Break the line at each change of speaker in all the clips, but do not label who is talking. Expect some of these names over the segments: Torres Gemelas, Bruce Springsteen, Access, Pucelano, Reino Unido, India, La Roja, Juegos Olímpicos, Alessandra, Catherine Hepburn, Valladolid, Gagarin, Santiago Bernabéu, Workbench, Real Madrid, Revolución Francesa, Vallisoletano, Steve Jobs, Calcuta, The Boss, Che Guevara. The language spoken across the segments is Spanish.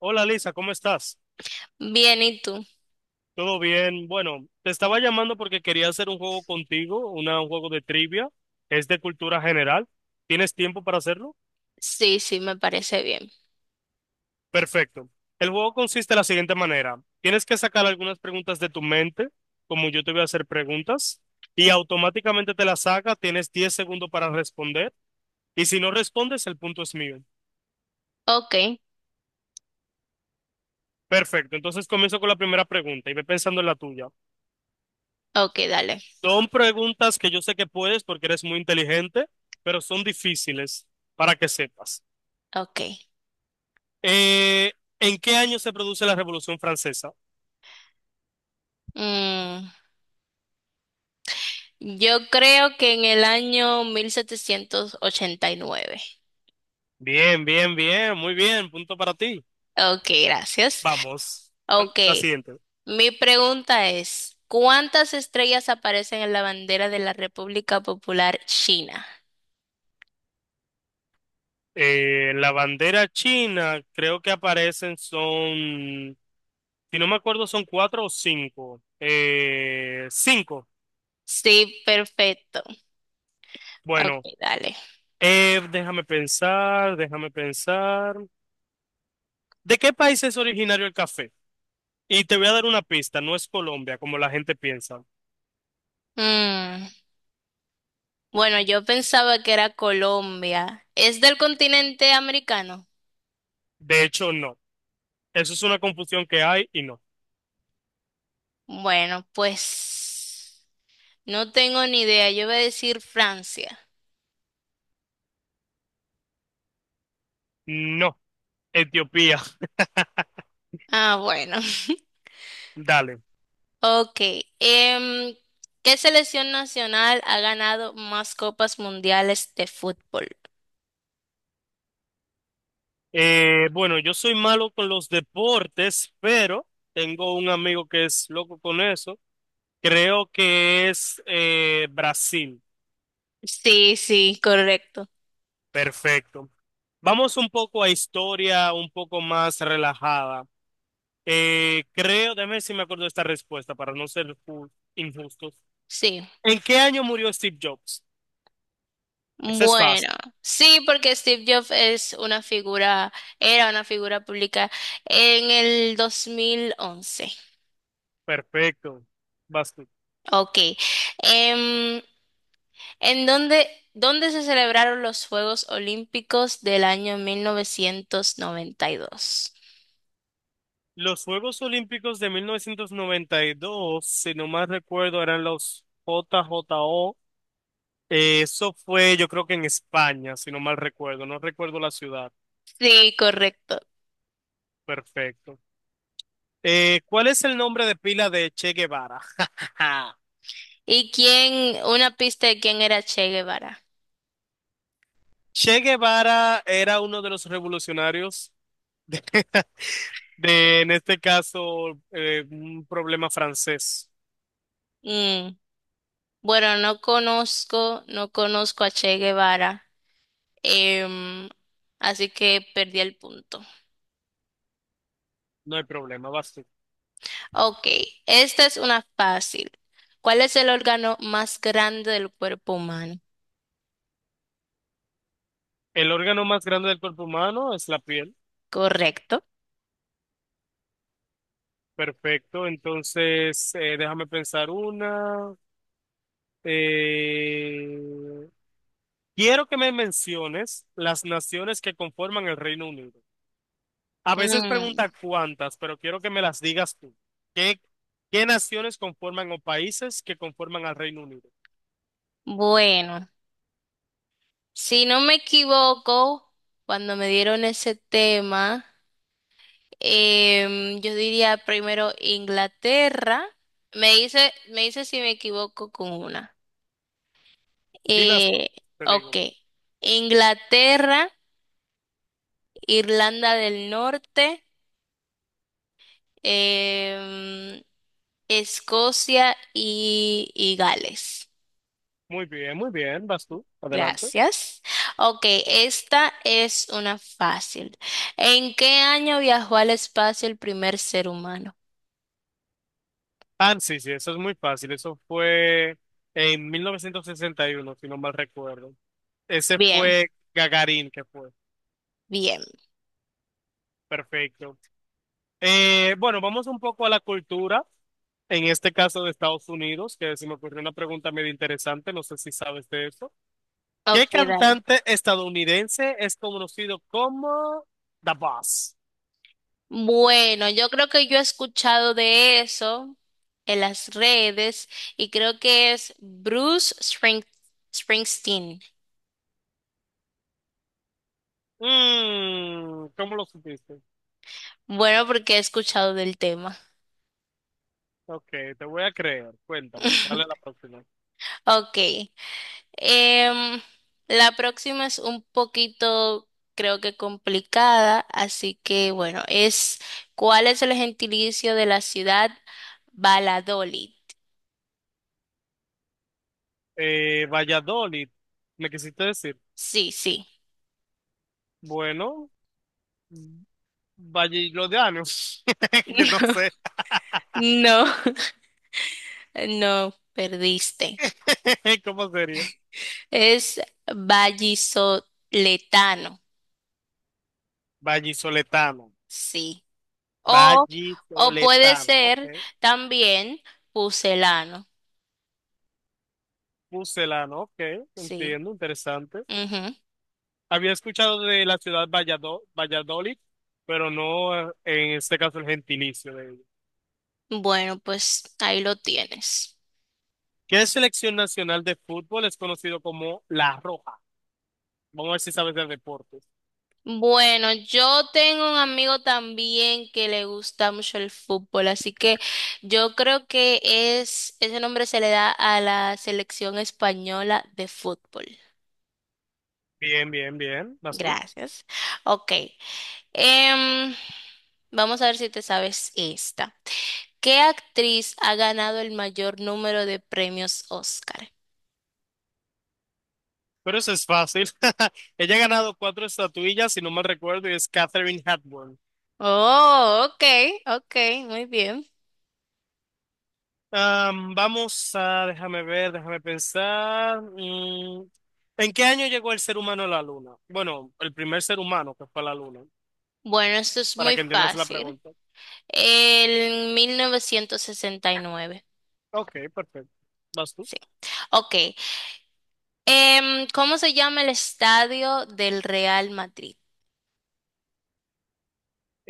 Hola Lisa, ¿cómo estás?
Bien, ¿y tú?
¿Todo bien? Bueno, te estaba llamando porque quería hacer un juego contigo, un juego de trivia. Es de cultura general. ¿Tienes tiempo para hacerlo?
Sí, sí, me parece bien.
Perfecto. El juego consiste de la siguiente manera. Tienes que sacar algunas preguntas de tu mente, como yo te voy a hacer preguntas, y automáticamente te las saca. Tienes 10 segundos para responder. Y si no respondes, el punto es mío.
Ok,
Perfecto. Entonces comienzo con la primera pregunta y ve pensando en la tuya.
ok, dale.
Son preguntas que yo sé que puedes porque eres muy inteligente, pero son difíciles para que sepas.
Ok.
Eh, ¿En qué año se produce la Revolución Francesa?
Mm, yo creo que en el año 1789.
Bien, bien, bien, muy bien, punto para ti.
Ok, gracias.
Vamos a
Ok,
la siguiente.
mi pregunta es, ¿cuántas estrellas aparecen en la bandera de la República Popular China?
La bandera china, creo que aparecen son, si no me acuerdo, son cuatro o cinco. Cinco.
Sí, perfecto. Ok,
Bueno,
dale.
déjame pensar, déjame pensar. ¿De qué país es originario el café? Y te voy a dar una pista, no es Colombia como la gente piensa.
Mm, bueno, yo pensaba que era Colombia. ¿Es del continente americano?
De hecho, no. Eso es una confusión que hay y no.
Bueno, pues no tengo ni idea. Yo voy a decir Francia.
No, Etiopía,
Ah, bueno.
dale.
Ok. Em, ¿Qué selección nacional ha ganado más copas mundiales de fútbol?
Bueno, yo soy malo con los deportes, pero tengo un amigo que es loco con eso. Creo que es Brasil.
Sí, sí, correcto.
Perfecto. Vamos un poco a historia, un poco más relajada. Creo, déjame ver si me acuerdo de esta respuesta para no ser injustos.
Sí.
¿En qué año murió Steve Jobs? Esa es
Bueno,
fácil.
sí, porque Steve Jobs es una figura, era una figura pública en el 2011.
Perfecto. Vas tú.
Ok. Em, ¿En dónde, dónde se celebraron los Juegos Olímpicos del año 1992?
Los Juegos Olímpicos de 1992, si no mal recuerdo, eran los J JJO. Eso fue, yo creo que en España, si no mal recuerdo. No recuerdo la ciudad.
Sí, correcto.
Perfecto. ¿Cuál es el nombre de pila de Che Guevara?
¿Y quién, una pista de quién era Che Guevara?
Che Guevara era uno de los revolucionarios de, de, en este caso, un problema francés.
Mm, bueno, no conozco, no conozco a Che Guevara, em, así que perdí el punto.
No hay problema, vas tú.
Ok, esta es una fácil. ¿Cuál es el órgano más grande del cuerpo humano?
El órgano más grande del cuerpo humano es la piel.
Correcto.
Perfecto. Entonces, déjame pensar una. Eh, Quiero que me menciones las naciones que conforman el Reino Unido. A veces
Mm.
pregunta cuántas, pero quiero que me las digas tú. ¿Qué, qué naciones conforman o países que conforman al Reino Unido?
Bueno, si no me equivoco, cuando me dieron ese tema, yo diría primero Inglaterra. Me dice si me equivoco con una.
Dilas tú,
Eh,
te
ok.
digo.
Inglaterra, Irlanda del Norte, em, Escocia y Gales.
Muy bien, muy bien. Vas tú. Adelante.
Gracias. Ok, esta es una fácil. ¿En qué año viajó al espacio el primer ser humano?
Ah, sí, sí, eso es muy fácil. Eso fue en 1961, si no mal recuerdo. Ese
Bien,
fue Gagarín que fue.
bien.
Perfecto. Bueno, vamos un poco a la cultura, en este caso de Estados Unidos, que se me ocurrió una pregunta medio interesante, no sé si sabes de eso. ¿Qué
Ok, dale.
cantante estadounidense es conocido como The Boss?
Bueno, yo creo que yo he escuchado de eso en las redes y creo que es Bruce Springsteen.
Mm, ¿cómo lo supiste?
Bueno, porque he escuchado del tema.
Ok, te voy a creer. Cuéntame, dale a la próxima.
Ok. Em, la próxima es un poquito, creo que complicada, así que bueno, es ¿cuál es el gentilicio de la ciudad Valladolid?
Valladolid, ¿me quisiste decir?
Sí, sí.
Bueno, Valladolidianos, que no sé.
No. No, perdiste.
¿Cómo sería?
Es vallisoletano,
Vallisoletano.
sí. O, o puede
Vallisoletano, ok.
ser también pucelano,
Pucelano, ok.
sí.
Entiendo, interesante. Había escuchado de la ciudad Valladolid, pero no en este caso el gentilicio de ella.
Ujú. Bueno, pues ahí lo tienes.
¿Qué selección nacional de fútbol es conocido como La Roja? Vamos a ver si sabes de deportes.
Bueno, yo tengo un amigo también que le gusta mucho el fútbol, así que yo creo que es, ese nombre se le da a la selección española de fútbol.
Bien, bien, bien. ¿Vas tú?
Gracias. Ok. Em, vamos a ver si te sabes esta. ¿Qué actriz ha ganado el mayor número de premios Oscar?
Pero eso es fácil. Ella ha ganado cuatro estatuillas, si no mal recuerdo, y es Catherine Hepburn.
Oh, ok, ok, muy bien.
Vamos a, déjame ver, déjame pensar. ¿En qué año llegó el ser humano a la luna? Bueno, el primer ser humano que fue a la luna,
Bueno, esto es
para
muy
que entiendas la
fácil.
pregunta.
El 1969.
Ok, perfecto. ¿Vas tú?
Sí. Ok. ¿Cómo se llama el estadio del Real Madrid?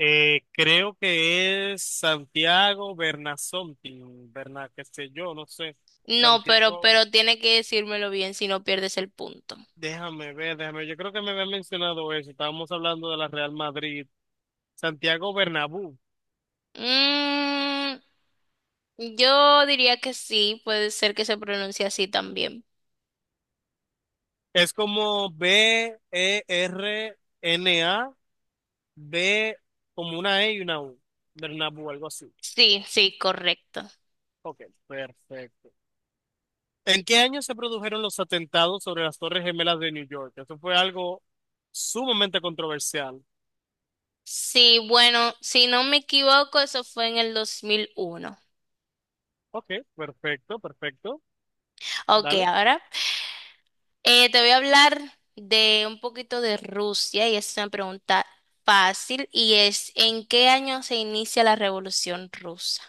Creo que es Santiago Bernasonti, Berna, qué sé yo, no sé.
No,
Santiago,
pero tiene que decírmelo bien si no pierdes el punto.
déjame ver, déjame ver. Yo creo que me habían mencionado eso. Estábamos hablando de la Real Madrid. Santiago Bernabéu.
Mm, Yo diría que sí, puede ser que se pronuncie así también.
Es como Berna. B como una E y una U. Bernabu, algo así.
Sí, sí, correcto.
Ok, perfecto. ¿En qué año se produjeron los atentados sobre las Torres Gemelas de New York? Eso fue algo sumamente controversial.
Sí, bueno, si no me equivoco, eso fue en el 2001.
Ok, perfecto, perfecto.
Ok,
Dale.
ahora te voy a hablar de un poquito de Rusia y es una pregunta fácil y es ¿en qué año se inicia la Revolución Rusa?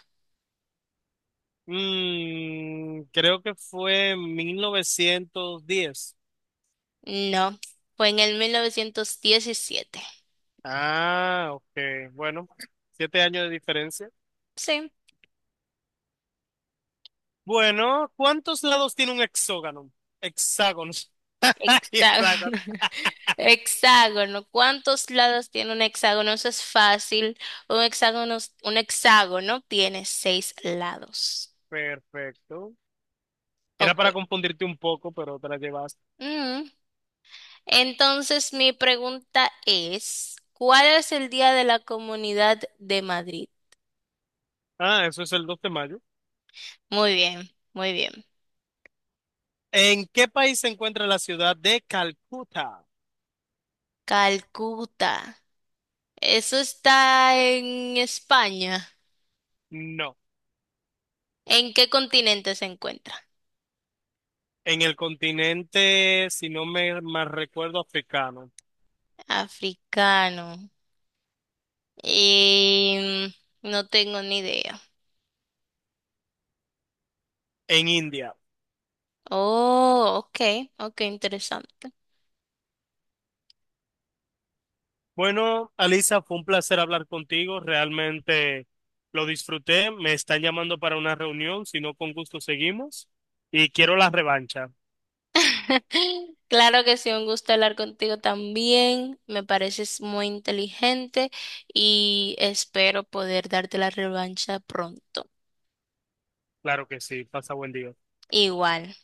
Creo que fue en 1910.
No, fue en el 1917.
Ah, ok. Bueno, 7 años de diferencia.
Sí.
Bueno, ¿cuántos lados tiene un hexágono? Hexágono. Hexágono.
Hexágono. Hexágono. ¿Cuántos lados tiene un hexágono? Eso es fácil. Un hexágono, un hexágono tiene seis lados.
Perfecto. Era
Ok.
para confundirte un poco, pero te la llevaste.
Mm. Entonces, mi pregunta es, ¿cuál es el Día de la Comunidad de Madrid?
Ah, eso es el 2 de mayo.
Muy bien, muy bien.
¿En qué país se encuentra la ciudad de Calcuta?
Calcuta. Eso está en España.
No.
¿En qué continente se encuentra?
En el continente, si no me mal recuerdo, africano.
Africano. Y no tengo ni idea.
En India.
Oh, ok, ok, interesante.
Bueno, Alisa, fue un placer hablar contigo. Realmente lo disfruté. Me están llamando para una reunión. Si no, con gusto seguimos. Y quiero la revancha.
Claro que sí, un gusto hablar contigo también. Me pareces muy inteligente y espero poder darte la revancha pronto.
Claro que sí. Pasa buen día.
Igual.